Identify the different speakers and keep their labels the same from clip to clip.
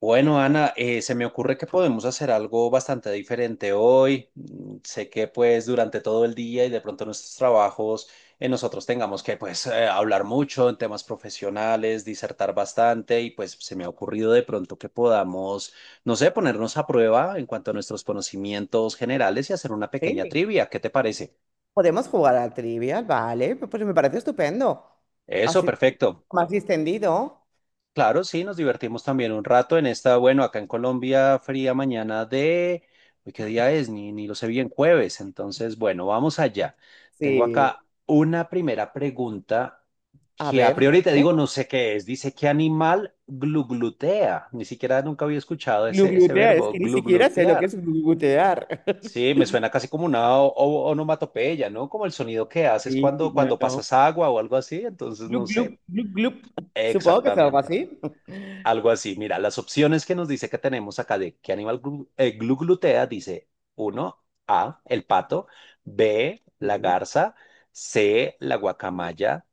Speaker 1: Bueno, Ana, se me ocurre que podemos hacer algo bastante diferente hoy. Sé que pues durante todo el día y de pronto nuestros trabajos, nosotros tengamos que pues hablar mucho en temas profesionales, disertar bastante y pues se me ha ocurrido de pronto que podamos, no sé, ponernos a prueba en cuanto a nuestros conocimientos generales y hacer una pequeña
Speaker 2: Sí.
Speaker 1: trivia. ¿Qué te parece?
Speaker 2: Podemos jugar a trivial, vale, pues me parece estupendo.
Speaker 1: Eso,
Speaker 2: Así
Speaker 1: perfecto.
Speaker 2: más distendido.
Speaker 1: Claro, sí, nos divertimos también un rato en esta, bueno, acá en Colombia, fría mañana de, uy, ¿qué día es? Ni, ni lo sé bien, jueves. Entonces, bueno, vamos allá. Tengo
Speaker 2: Sí,
Speaker 1: acá una primera pregunta
Speaker 2: a
Speaker 1: que a
Speaker 2: ver,
Speaker 1: priori te
Speaker 2: dime.
Speaker 1: digo, no sé qué es. Dice, ¿qué animal gluglutea? Ni siquiera nunca había escuchado ese
Speaker 2: Gluglutear, es
Speaker 1: verbo,
Speaker 2: que ni siquiera sé lo que
Speaker 1: gluglutear.
Speaker 2: es gluglutear.
Speaker 1: Sí, me suena casi como una onomatopeya, ¿no? Como el sonido que haces
Speaker 2: Sí,
Speaker 1: cuando,
Speaker 2: no,
Speaker 1: cuando
Speaker 2: no.
Speaker 1: pasas agua o algo así. Entonces, no
Speaker 2: Glug, glug,
Speaker 1: sé
Speaker 2: glug, glug. Supongo que es algo
Speaker 1: exactamente.
Speaker 2: así.
Speaker 1: Algo así. Mira, las opciones que nos dice que tenemos acá de qué animal glutea, dice uno A, el pato, B, la
Speaker 2: Sí,
Speaker 1: garza, C, la guacamaya,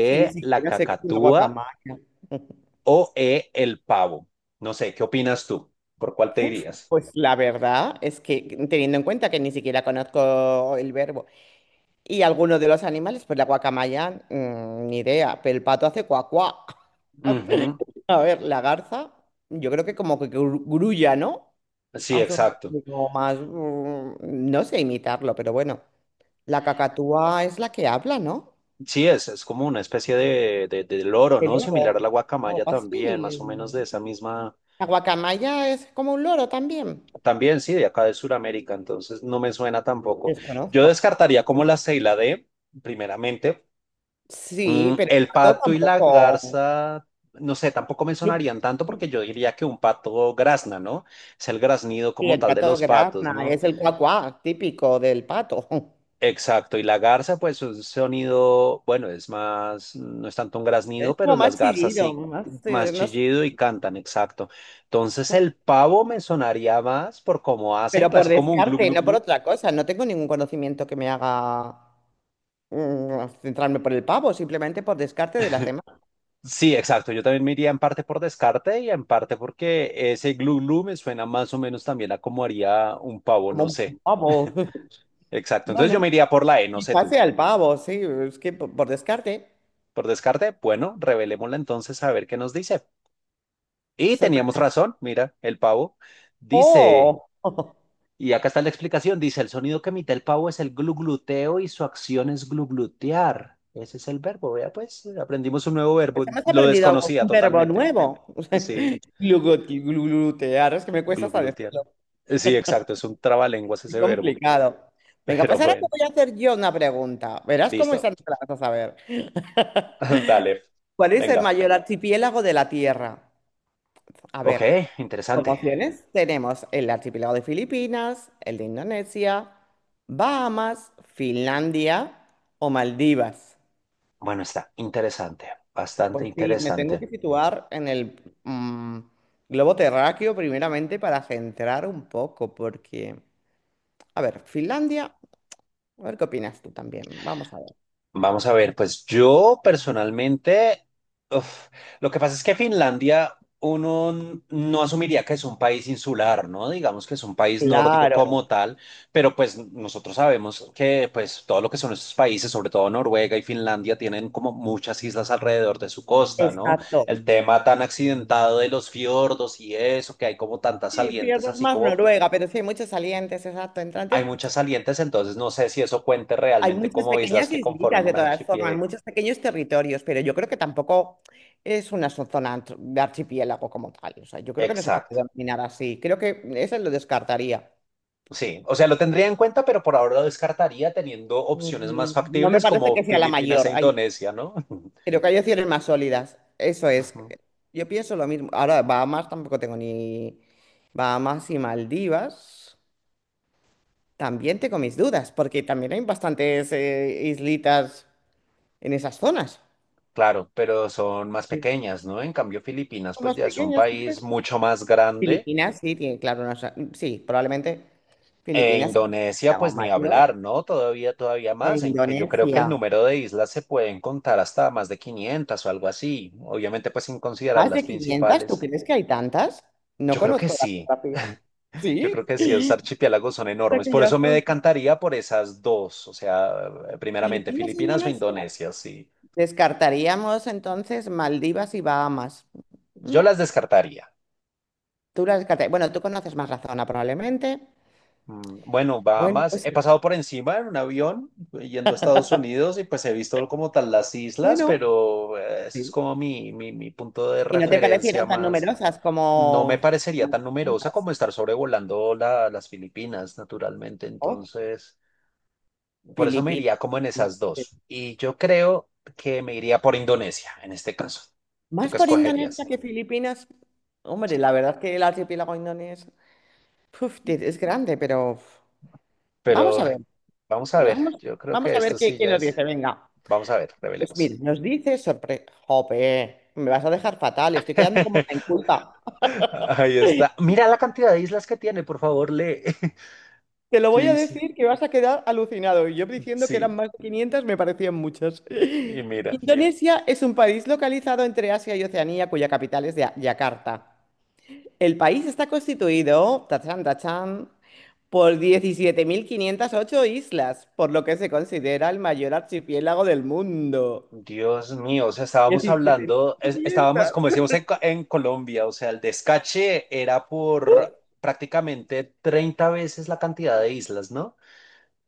Speaker 2: sí, ni
Speaker 1: la
Speaker 2: siquiera sé qué es una
Speaker 1: cacatúa
Speaker 2: guacamaya.
Speaker 1: o E, el pavo. No sé, ¿qué opinas tú? ¿Por cuál te
Speaker 2: Uf,
Speaker 1: dirías?
Speaker 2: pues la verdad es que teniendo en cuenta que ni siquiera conozco el verbo y alguno de los animales, pues la guacamaya, ni idea, pero el pato hace cuacuá.
Speaker 1: Ujú.
Speaker 2: A ver, la garza, yo creo que como que grulla, ¿no?
Speaker 1: Sí,
Speaker 2: Hace un
Speaker 1: exacto.
Speaker 2: poco más, no sé imitarlo, pero bueno. La cacatúa es la que habla, ¿no?
Speaker 1: Sí, es como una especie de loro,
Speaker 2: El
Speaker 1: ¿no? Similar
Speaker 2: loro,
Speaker 1: a la
Speaker 2: o
Speaker 1: guacamaya también, más
Speaker 2: así.
Speaker 1: o menos de esa misma.
Speaker 2: La guacamaya es como un loro también.
Speaker 1: También sí, de acá de Sudamérica, entonces no me suena tampoco. Yo
Speaker 2: Desconozco.
Speaker 1: descartaría como la C y la D, primeramente.
Speaker 2: Sí,
Speaker 1: Mm,
Speaker 2: pero el
Speaker 1: el
Speaker 2: gato
Speaker 1: pato y la
Speaker 2: tampoco.
Speaker 1: garza, no sé, tampoco me
Speaker 2: Clup,
Speaker 1: sonarían tanto porque
Speaker 2: clup.
Speaker 1: yo diría que un pato grazna, ¿no? Es el graznido
Speaker 2: Y
Speaker 1: como
Speaker 2: el
Speaker 1: tal de
Speaker 2: gato
Speaker 1: los patos,
Speaker 2: grazna
Speaker 1: ¿no?
Speaker 2: es el cuacuá típico del pato.
Speaker 1: Exacto, y la garza, pues un sonido, bueno, es más, no es tanto un
Speaker 2: Es
Speaker 1: graznido, pero
Speaker 2: como
Speaker 1: las
Speaker 2: más
Speaker 1: garzas
Speaker 2: chillido,
Speaker 1: sí,
Speaker 2: más,
Speaker 1: más
Speaker 2: no sé.
Speaker 1: chillido y cantan, exacto. Entonces el pavo me sonaría más por cómo hacen,
Speaker 2: Pero por
Speaker 1: casi como un glu
Speaker 2: descarte,
Speaker 1: glu
Speaker 2: no por
Speaker 1: glu.
Speaker 2: otra cosa. No tengo ningún conocimiento que me haga centrarme por el pavo, simplemente por descarte de las demás,
Speaker 1: Sí, exacto. Yo también me iría en parte por descarte y en parte porque ese glu glu me suena más o menos también a como haría un pavo,
Speaker 2: como
Speaker 1: no sé.
Speaker 2: un pavo.
Speaker 1: Exacto. Entonces
Speaker 2: Bueno,
Speaker 1: yo me iría por la E, no sé
Speaker 2: quizás
Speaker 1: tú.
Speaker 2: sea el pavo, sí, es que por descarte,
Speaker 1: Por descarte, bueno, revelémosla entonces a ver qué nos dice. Y teníamos
Speaker 2: sorpresa.
Speaker 1: razón, mira, el pavo dice,
Speaker 2: ¡Oh!
Speaker 1: y acá está la explicación, dice, el sonido que emite el pavo es el glugluteo y su acción es gluglutear. Ese es el verbo, vea pues, aprendimos un nuevo verbo,
Speaker 2: Pues hemos
Speaker 1: lo
Speaker 2: aprendido algo,
Speaker 1: desconocía
Speaker 2: un verbo
Speaker 1: totalmente.
Speaker 2: nuevo.
Speaker 1: Sí.
Speaker 2: Glutear, es que me cuesta hasta
Speaker 1: Gluglutear.
Speaker 2: decirlo.
Speaker 1: Sí, exacto, es un trabalenguas
Speaker 2: Qué
Speaker 1: ese verbo,
Speaker 2: complicado. Venga,
Speaker 1: pero
Speaker 2: pues ahora te
Speaker 1: bueno,
Speaker 2: voy a hacer yo una pregunta. Verás cómo
Speaker 1: listo.
Speaker 2: están las vas a ver.
Speaker 1: Dale,
Speaker 2: ¿Cuál es el
Speaker 1: venga.
Speaker 2: mayor archipiélago de la Tierra? A
Speaker 1: Ok,
Speaker 2: ver. Como
Speaker 1: interesante.
Speaker 2: opciones tenemos el archipiélago de Filipinas, el de Indonesia, Bahamas, Finlandia o Maldivas.
Speaker 1: Bueno, está interesante, bastante
Speaker 2: Pues sí, me tengo que
Speaker 1: interesante.
Speaker 2: situar en el globo terráqueo primeramente para centrar un poco, porque, a ver, Finlandia, a ver qué opinas tú también, vamos a ver.
Speaker 1: Vamos a ver, pues yo personalmente, uf, lo que pasa es que Finlandia uno no asumiría que es un país insular, ¿no? Digamos que es un país nórdico
Speaker 2: Claro,
Speaker 1: como tal, pero pues nosotros sabemos que pues todo lo que son estos países, sobre todo Noruega y Finlandia, tienen como muchas islas alrededor de su costa, ¿no?
Speaker 2: exacto.
Speaker 1: El tema tan accidentado de los fiordos y eso, que hay como tantas
Speaker 2: Sí,
Speaker 1: salientes,
Speaker 2: pierdes
Speaker 1: así
Speaker 2: más
Speaker 1: como
Speaker 2: Noruega, pero sí hay muchos salientes, exacto,
Speaker 1: hay
Speaker 2: entrantes.
Speaker 1: muchas salientes, entonces no sé si eso cuente
Speaker 2: Hay
Speaker 1: realmente
Speaker 2: muchas
Speaker 1: como islas
Speaker 2: pequeñas
Speaker 1: que conformen
Speaker 2: islitas de
Speaker 1: un
Speaker 2: todas formas,
Speaker 1: archipiélago.
Speaker 2: muchos pequeños territorios, pero yo creo que tampoco es una zona de archipiélago como tal. O sea, yo creo que no se puede
Speaker 1: Exacto.
Speaker 2: denominar así. Creo que eso lo descartaría.
Speaker 1: Sí, o sea, lo tendría en cuenta, pero por ahora lo descartaría teniendo opciones más
Speaker 2: Mm, No me
Speaker 1: factibles
Speaker 2: parece
Speaker 1: como
Speaker 2: que sea la
Speaker 1: Filipinas
Speaker 2: mayor.
Speaker 1: e
Speaker 2: Hay-
Speaker 1: Indonesia, ¿no?
Speaker 2: creo que hay opciones más sólidas. Eso es.
Speaker 1: Ujú.
Speaker 2: Yo pienso lo mismo. Ahora, Bahamas tampoco tengo ni... Bahamas y Maldivas. También tengo mis dudas, porque también hay bastantes islitas en esas zonas.
Speaker 1: Claro, pero son más
Speaker 2: Sí.
Speaker 1: pequeñas, ¿no? En cambio, Filipinas
Speaker 2: Son
Speaker 1: pues
Speaker 2: más
Speaker 1: ya es un
Speaker 2: pequeñas, ¿no crees?
Speaker 1: país mucho más grande
Speaker 2: Filipinas, sí, tiene, claro, no sé, sí, probablemente
Speaker 1: e
Speaker 2: Filipinas,
Speaker 1: Indonesia
Speaker 2: estamos
Speaker 1: pues ni
Speaker 2: mayores,
Speaker 1: hablar, ¿no? Todavía, todavía
Speaker 2: e
Speaker 1: más, en que yo creo que el
Speaker 2: Indonesia.
Speaker 1: número de islas se pueden contar hasta más de 500 o algo así, obviamente pues sin considerar
Speaker 2: ¿Más
Speaker 1: las
Speaker 2: de 500? ¿Tú
Speaker 1: principales.
Speaker 2: crees que hay tantas? No
Speaker 1: Yo creo que
Speaker 2: conozco la
Speaker 1: sí.
Speaker 2: geografía.
Speaker 1: Yo
Speaker 2: Sí,
Speaker 1: creo que sí, esos
Speaker 2: o
Speaker 1: archipiélagos son
Speaker 2: sea
Speaker 1: enormes.
Speaker 2: que
Speaker 1: Por eso
Speaker 2: ya
Speaker 1: me
Speaker 2: son
Speaker 1: decantaría por esas dos. O sea, primeramente
Speaker 2: Filipinas, e
Speaker 1: Filipinas o
Speaker 2: Indonesia.
Speaker 1: Indonesia, sí.
Speaker 2: Descartaríamos entonces Maldivas y Bahamas. Mm,
Speaker 1: Yo las descartaría.
Speaker 2: Tú las descartarías. Bueno, tú conoces más la zona probablemente.
Speaker 1: Mm, bueno,
Speaker 2: Bueno,
Speaker 1: Bahamas,
Speaker 2: pues
Speaker 1: he
Speaker 2: sí.
Speaker 1: pasado por encima en un avión yendo a Estados Unidos y pues he visto como tal las islas,
Speaker 2: Bueno.
Speaker 1: pero ese es
Speaker 2: Sí.
Speaker 1: como mi punto de
Speaker 2: ¿Y no te
Speaker 1: referencia
Speaker 2: parecieran tan
Speaker 1: más.
Speaker 2: numerosas
Speaker 1: No me parecería
Speaker 2: como
Speaker 1: tan numerosa como
Speaker 2: preguntas?
Speaker 1: estar sobrevolando las Filipinas, naturalmente.
Speaker 2: Oh,
Speaker 1: Entonces, por eso me iría
Speaker 2: Filipinas.
Speaker 1: como en esas dos. Y yo creo que me iría por Indonesia en este caso. ¿Tú
Speaker 2: Más
Speaker 1: qué
Speaker 2: por Indonesia
Speaker 1: escogerías?
Speaker 2: que Filipinas. Hombre, la verdad que el archipiélago indonesio puf, es grande, pero uf, vamos a
Speaker 1: Pero
Speaker 2: ver.
Speaker 1: vamos a ver.
Speaker 2: Vamos,
Speaker 1: Yo creo
Speaker 2: vamos
Speaker 1: que
Speaker 2: a ver
Speaker 1: esto
Speaker 2: qué,
Speaker 1: sí
Speaker 2: qué
Speaker 1: ya
Speaker 2: nos dice.
Speaker 1: es.
Speaker 2: Venga.
Speaker 1: Vamos a ver,
Speaker 2: Pues mira,
Speaker 1: revelemos.
Speaker 2: nos dice sorpresa. Jope, me vas a dejar fatal. Estoy quedando como en culpa.
Speaker 1: Ahí está. Mira la cantidad de islas que tiene, por favor, lee.
Speaker 2: Te lo
Speaker 1: Yo
Speaker 2: voy a
Speaker 1: dije,
Speaker 2: decir que vas a quedar alucinado. Y yo diciendo que eran
Speaker 1: sí,
Speaker 2: más de 500 me parecían muchas.
Speaker 1: y mira.
Speaker 2: Indonesia es un país localizado entre Asia y Oceanía, cuya capital es Yakarta. El país está constituido, tachán, tachán, por 17.508 islas, por lo que se considera el mayor archipiélago del mundo.
Speaker 1: Dios mío, o sea, estábamos hablando, estábamos,
Speaker 2: 17.500.
Speaker 1: como decíamos en Colombia, o sea, el descache era
Speaker 2: ¡Uf!
Speaker 1: por prácticamente 30 veces la cantidad de islas, ¿no?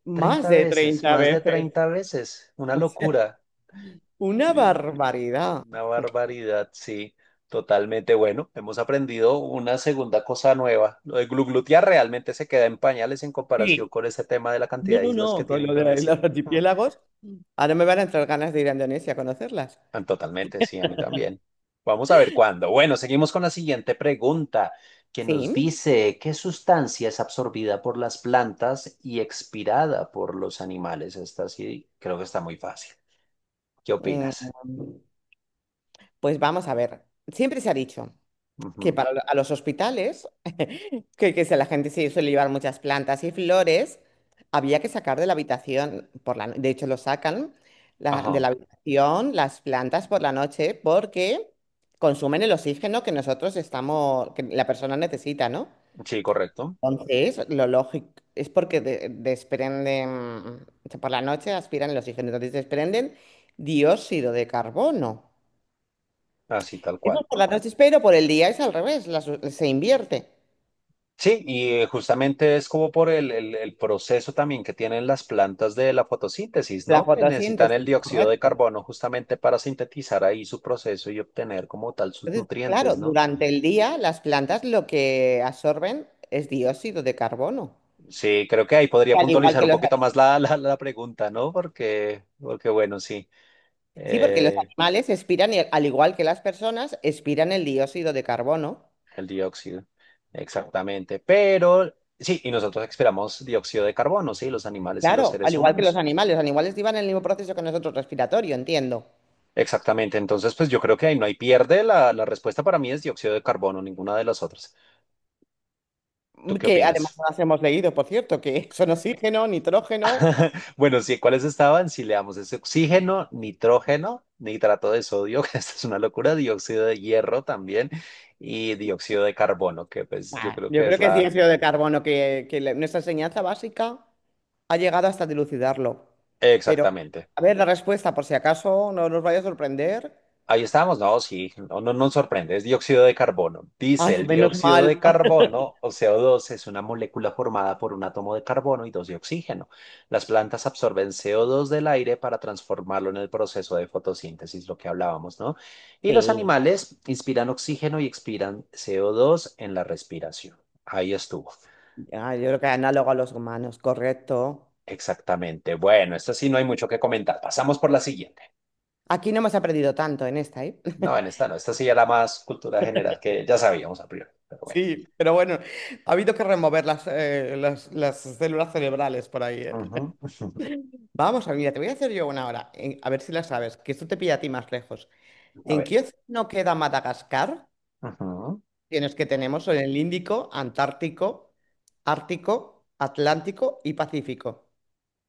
Speaker 2: Más
Speaker 1: 30
Speaker 2: de
Speaker 1: veces,
Speaker 2: treinta
Speaker 1: más de
Speaker 2: veces.
Speaker 1: 30 veces, una
Speaker 2: O sea,
Speaker 1: locura.
Speaker 2: una
Speaker 1: Sí,
Speaker 2: barbaridad.
Speaker 1: una barbaridad, sí, totalmente. Bueno, hemos aprendido una segunda cosa nueva. Lo de gluglutear realmente se queda en pañales en comparación
Speaker 2: Sí.
Speaker 1: con ese tema de la
Speaker 2: No,
Speaker 1: cantidad de
Speaker 2: no,
Speaker 1: islas que
Speaker 2: no, con
Speaker 1: tiene
Speaker 2: lo de los
Speaker 1: Indonesia.
Speaker 2: archipiélagos. Ahora me van a entrar ganas de ir a Indonesia a conocerlas.
Speaker 1: Ah, totalmente, sí, a mí también. Vamos a ver cuándo. Bueno, seguimos con la siguiente pregunta, que nos
Speaker 2: Sí.
Speaker 1: dice, ¿qué sustancia es absorbida por las plantas y expirada por los animales? Esta sí, creo que está muy fácil. ¿Qué
Speaker 2: Mm,
Speaker 1: opinas?
Speaker 2: Pues vamos a ver. Siempre se ha dicho, que para a los hospitales, que si la gente se suele llevar muchas plantas y flores, había que sacar de la habitación, por la, no- de hecho lo sacan de
Speaker 1: Ajá,
Speaker 2: la habitación las plantas por la noche porque consumen el oxígeno que nosotros estamos, que la persona necesita, ¿no?
Speaker 1: sí, correcto.
Speaker 2: Entonces, lo lógico es porque desprenden, o sea, por la noche aspiran el oxígeno, entonces desprenden dióxido de carbono.
Speaker 1: Así tal
Speaker 2: Eso
Speaker 1: cual.
Speaker 2: es por la noche, pero por el día es al revés, se invierte.
Speaker 1: Sí, y justamente es como por el proceso también que tienen las plantas de la fotosíntesis,
Speaker 2: La
Speaker 1: ¿no? Que necesitan el
Speaker 2: fotosíntesis,
Speaker 1: dióxido de
Speaker 2: correcto.
Speaker 1: carbono justamente para sintetizar ahí su proceso y obtener como tal sus
Speaker 2: Entonces, claro,
Speaker 1: nutrientes, ¿no?
Speaker 2: durante el día las plantas lo que absorben es dióxido de carbono.
Speaker 1: Sí, creo que ahí podría
Speaker 2: Al igual
Speaker 1: puntualizar
Speaker 2: que
Speaker 1: un
Speaker 2: los,
Speaker 1: poquito más la pregunta, ¿no? Porque, porque bueno, sí,
Speaker 2: sí, porque los
Speaker 1: eh,
Speaker 2: animales expiran, y al igual que las personas, expiran el dióxido de carbono.
Speaker 1: el dióxido, exactamente. Pero sí, y nosotros expiramos dióxido de carbono, sí, los animales y los
Speaker 2: Claro, al
Speaker 1: seres
Speaker 2: igual que los
Speaker 1: humanos.
Speaker 2: animales. Los animales llevan el mismo proceso que nosotros respiratorio, entiendo.
Speaker 1: Exactamente, entonces pues yo creo que ahí no hay pierde, la respuesta para mí es dióxido de carbono, ninguna de las otras. ¿Tú qué
Speaker 2: Que además
Speaker 1: opinas?
Speaker 2: nos hemos leído, por cierto, que son oxígeno, nitrógeno.
Speaker 1: Bueno, sí, ¿cuáles estaban? Si leamos es oxígeno, nitrógeno, nitrato de sodio, que esta es una locura, dióxido de hierro también y dióxido de carbono, que pues yo
Speaker 2: Bah,
Speaker 1: creo
Speaker 2: yo
Speaker 1: que
Speaker 2: creo
Speaker 1: es
Speaker 2: que es
Speaker 1: la...
Speaker 2: dióxido de carbono, que nuestra enseñanza básica ha llegado hasta dilucidarlo. Pero,
Speaker 1: Exactamente.
Speaker 2: a ver, la respuesta, por si acaso no nos vaya a sorprender.
Speaker 1: Ahí estábamos, no, sí, no, no nos sorprende, es dióxido de carbono. Dice,
Speaker 2: Ay,
Speaker 1: el
Speaker 2: menos
Speaker 1: dióxido de
Speaker 2: mal.
Speaker 1: carbono o CO2 es una molécula formada por un átomo de carbono y dos de oxígeno. Las plantas absorben CO2 del aire para transformarlo en el proceso de fotosíntesis, lo que hablábamos, ¿no? Y los
Speaker 2: Sí,
Speaker 1: animales inspiran oxígeno y expiran CO2 en la respiración. Ahí estuvo.
Speaker 2: ah, yo creo que análogo a los humanos, correcto.
Speaker 1: Exactamente. Bueno, esta sí no hay mucho que comentar. Pasamos por la siguiente.
Speaker 2: Aquí no hemos aprendido tanto en esta, ¿eh?
Speaker 1: No, en esta no, esta sí era más cultura general que ya sabíamos a priori, pero bueno.
Speaker 2: Sí, pero bueno, ha habido que remover las células cerebrales por ahí, ¿eh?
Speaker 1: Ujú.
Speaker 2: Vamos a ver, mira, te voy a hacer yo una hora, a ver si la sabes, que esto te pilla a ti más lejos.
Speaker 1: A
Speaker 2: ¿En
Speaker 1: ver.
Speaker 2: qué no queda Madagascar?
Speaker 1: Ujú.
Speaker 2: Tienes que tenemos son el Índico, Antártico, Ártico, Atlántico y Pacífico.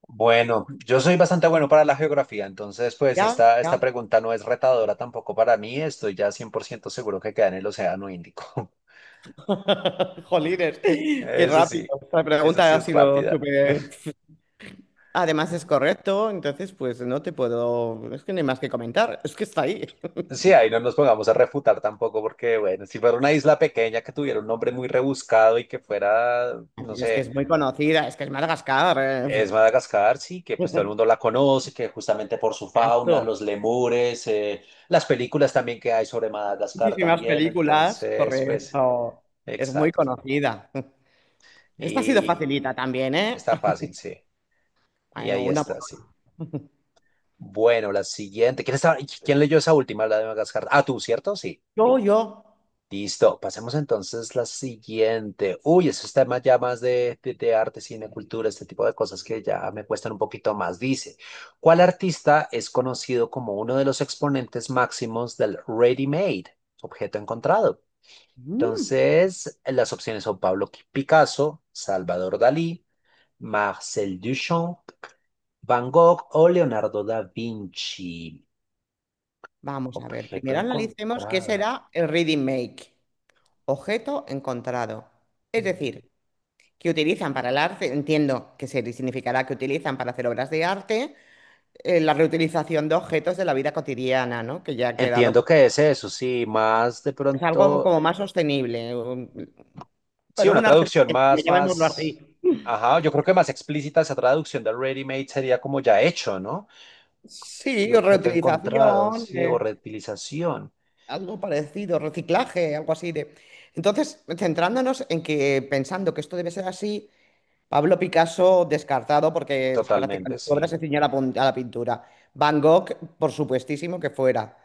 Speaker 1: Bueno, yo soy bastante bueno para la geografía, entonces pues
Speaker 2: Ya,
Speaker 1: esta
Speaker 2: ya.
Speaker 1: pregunta no es retadora tampoco para mí, estoy ya 100% seguro que queda en el Océano Índico.
Speaker 2: Jolines, qué
Speaker 1: Eso
Speaker 2: rápido.
Speaker 1: sí,
Speaker 2: La
Speaker 1: eso
Speaker 2: pregunta
Speaker 1: sí
Speaker 2: ha
Speaker 1: es
Speaker 2: sido
Speaker 1: rápida.
Speaker 2: súper. Además es correcto, entonces pues no te puedo. Es que no hay más que comentar. Es que está ahí.
Speaker 1: Sí, ahí no nos pongamos a refutar tampoco porque, bueno, si fuera una isla pequeña que tuviera un nombre muy rebuscado y que fuera, no
Speaker 2: Es que
Speaker 1: sé,
Speaker 2: es muy conocida, es que es Madagascar.
Speaker 1: es Madagascar, sí, que pues todo el mundo la conoce, que justamente por su fauna,
Speaker 2: Exacto.
Speaker 1: los lemures, las películas también que hay sobre Madagascar
Speaker 2: Muchísimas
Speaker 1: también,
Speaker 2: películas,
Speaker 1: entonces, pues,
Speaker 2: correcto. Es muy
Speaker 1: exacto.
Speaker 2: conocida. Esta ha sido
Speaker 1: Y
Speaker 2: facilita también, ¿eh?
Speaker 1: está fácil, sí. Y
Speaker 2: Bueno,
Speaker 1: ahí
Speaker 2: una.
Speaker 1: está, sí. Bueno, la siguiente. ¿ quién leyó esa última, la de Madagascar? Ah, tú, ¿cierto? Sí.
Speaker 2: Yo.
Speaker 1: Listo, pasemos entonces la siguiente. Uy, esos temas ya más de de arte, cine, cultura, este tipo de cosas que ya me cuestan un poquito más. Dice, ¿cuál artista es conocido como uno de los exponentes máximos del ready-made, objeto encontrado?
Speaker 2: Mm.
Speaker 1: Entonces, las opciones son Pablo Picasso, Salvador Dalí, Marcel Duchamp, Van Gogh o Leonardo da Vinci.
Speaker 2: Vamos a ver,
Speaker 1: Objeto
Speaker 2: primero analicemos qué
Speaker 1: encontrado.
Speaker 2: será el reading make, objeto encontrado. Es decir, que utilizan para el arte, entiendo que se significará que utilizan para hacer obras de arte la reutilización de objetos de la vida cotidiana, ¿no? Que ya ha quedado,
Speaker 1: Entiendo
Speaker 2: pues,
Speaker 1: que es eso, sí, más de
Speaker 2: es algo
Speaker 1: pronto,
Speaker 2: como más sostenible.
Speaker 1: sí,
Speaker 2: Bueno,
Speaker 1: una
Speaker 2: un arte
Speaker 1: traducción
Speaker 2: sostenible,
Speaker 1: más,
Speaker 2: llamémoslo así.
Speaker 1: más, ajá, yo creo que más explícita esa traducción de ready-made sería como ya hecho, ¿no?
Speaker 2: Sí,
Speaker 1: Y
Speaker 2: o
Speaker 1: objeto encontrado,
Speaker 2: reutilización,
Speaker 1: sí, o reutilización,
Speaker 2: algo parecido, reciclaje, algo así de. Entonces, centrándonos en que pensando que esto debe ser así. Pablo Picasso, descartado porque
Speaker 1: totalmente,
Speaker 2: prácticamente su obra
Speaker 1: sí.
Speaker 2: se ciñó a la pintura. Van Gogh, por supuestísimo que fuera,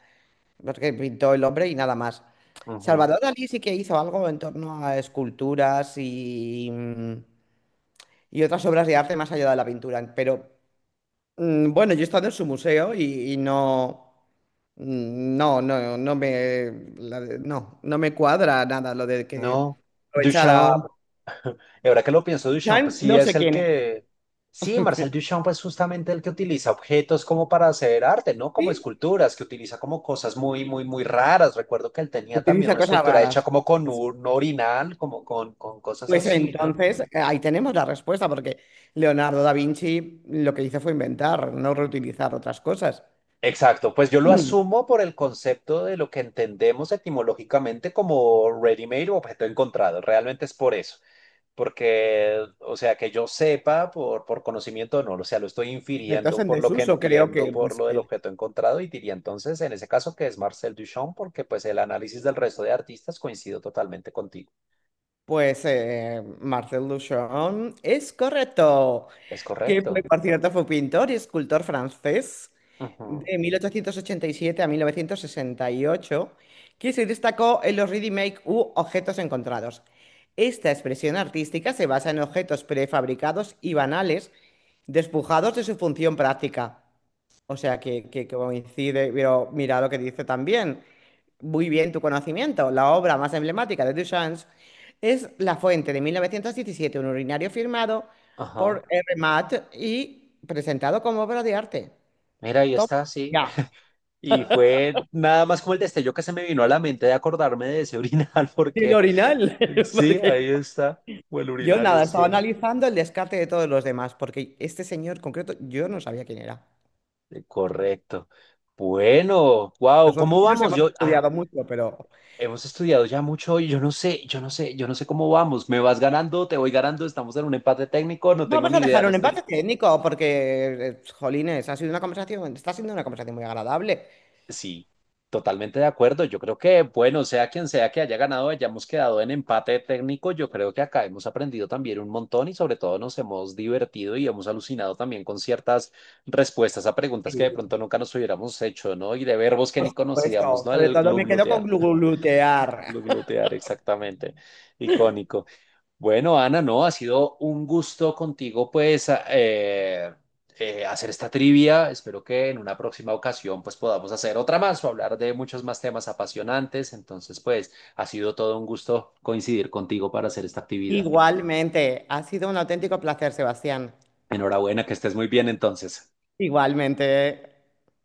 Speaker 2: porque pintó el hombre y nada más.
Speaker 1: Ujú.
Speaker 2: Salvador Dalí sí que hizo algo en torno a esculturas y otras obras de arte más allá de la pintura. Pero bueno, yo he estado en su museo y, no, no, no, no me, no, no me cuadra nada lo de que
Speaker 1: No,
Speaker 2: aprovechara.
Speaker 1: Duchamp y ahora que lo pienso, Duchamp, pues
Speaker 2: Chan,
Speaker 1: sí
Speaker 2: no
Speaker 1: es
Speaker 2: sé
Speaker 1: el
Speaker 2: quién es.
Speaker 1: que... Sí, Marcel Duchamp es justamente el que utiliza objetos como para hacer arte, ¿no? Como
Speaker 2: ¿Sí?
Speaker 1: esculturas, que utiliza como cosas muy, muy, muy raras. Recuerdo que él tenía también
Speaker 2: Utiliza
Speaker 1: una
Speaker 2: cosas
Speaker 1: escultura hecha
Speaker 2: raras.
Speaker 1: como con un orinal, como con cosas
Speaker 2: Pues
Speaker 1: así, ¿no?
Speaker 2: entonces, ahí tenemos la respuesta, porque Leonardo da Vinci lo que hizo fue inventar, no reutilizar otras cosas.
Speaker 1: Exacto, pues yo lo
Speaker 2: Mm,
Speaker 1: asumo por el concepto de lo que entendemos etimológicamente como ready-made o objeto encontrado. Realmente es por eso. Porque, o sea, que yo sepa por conocimiento, no, o sea, lo estoy
Speaker 2: Objetos
Speaker 1: infiriendo
Speaker 2: en
Speaker 1: por lo que
Speaker 2: desuso, creo
Speaker 1: entiendo,
Speaker 2: que
Speaker 1: por
Speaker 2: pues,
Speaker 1: lo del objeto encontrado y diría entonces, en ese caso, que es Marcel Duchamp, porque pues el análisis del resto de artistas coincido totalmente contigo.
Speaker 2: pues, Marcel Duchamp es correcto.
Speaker 1: Es
Speaker 2: Que fue,
Speaker 1: correcto.
Speaker 2: por cierto, fue pintor y escultor francés
Speaker 1: Ujú,
Speaker 2: de 1887 a 1968, que se destacó en los ready-make u objetos encontrados. Esta expresión artística se basa en objetos prefabricados y banales, despojados de su función práctica. O sea, que coincide, pero mira lo que dice también muy bien tu conocimiento. La obra más emblemática de Duchamp es La Fuente de 1917, un urinario firmado
Speaker 1: ajá.
Speaker 2: por R. Matt y presentado como obra de arte.
Speaker 1: Mira, ahí
Speaker 2: Toma
Speaker 1: está, sí.
Speaker 2: ya.
Speaker 1: Y fue nada más como el destello que se me vino a la mente de acordarme de ese urinal,
Speaker 2: El
Speaker 1: porque
Speaker 2: orinal.
Speaker 1: sí,
Speaker 2: Porque-
Speaker 1: ahí está. O el
Speaker 2: Yo
Speaker 1: urinario,
Speaker 2: nada,
Speaker 1: sí.
Speaker 2: estaba analizando el descarte de todos los demás, porque este señor concreto yo no sabía quién era.
Speaker 1: Correcto. Bueno, wow,
Speaker 2: Nosotros
Speaker 1: ¿cómo
Speaker 2: sí nos
Speaker 1: vamos?
Speaker 2: hemos
Speaker 1: Yo, ah.
Speaker 2: estudiado mucho, pero
Speaker 1: Hemos estudiado ya mucho y yo no sé, yo no sé, yo no sé cómo vamos. ¿Me vas ganando? ¿Te voy ganando? ¿Estamos en un empate técnico? No tengo
Speaker 2: vamos
Speaker 1: ni
Speaker 2: a
Speaker 1: idea,
Speaker 2: dejar
Speaker 1: no
Speaker 2: un empate
Speaker 1: estoy.
Speaker 2: técnico, porque, jolines, ha sido una conversación, está siendo una conversación muy agradable.
Speaker 1: Sí, totalmente de acuerdo. Yo creo que, bueno, sea quien sea que haya ganado, hayamos quedado en empate técnico. Yo creo que acá hemos aprendido también un montón y sobre todo nos hemos divertido y hemos alucinado también con ciertas respuestas a preguntas que de pronto nunca nos hubiéramos hecho, ¿no? Y de verbos que
Speaker 2: Por
Speaker 1: ni conocíamos,
Speaker 2: supuesto,
Speaker 1: ¿no?
Speaker 2: sobre
Speaker 1: El
Speaker 2: todo me quedo con
Speaker 1: gluglutear.
Speaker 2: glutear.
Speaker 1: Gluglutear, exactamente. Icónico. Bueno, Ana, no, ha sido un gusto contigo, pues, hacer esta trivia. Espero que en una próxima ocasión, pues, podamos hacer otra más o hablar de muchos más temas apasionantes. Entonces, pues, ha sido todo un gusto coincidir contigo para hacer esta actividad.
Speaker 2: Igualmente, ha sido un auténtico placer, Sebastián.
Speaker 1: Enhorabuena, que estés muy bien entonces.
Speaker 2: Igualmente.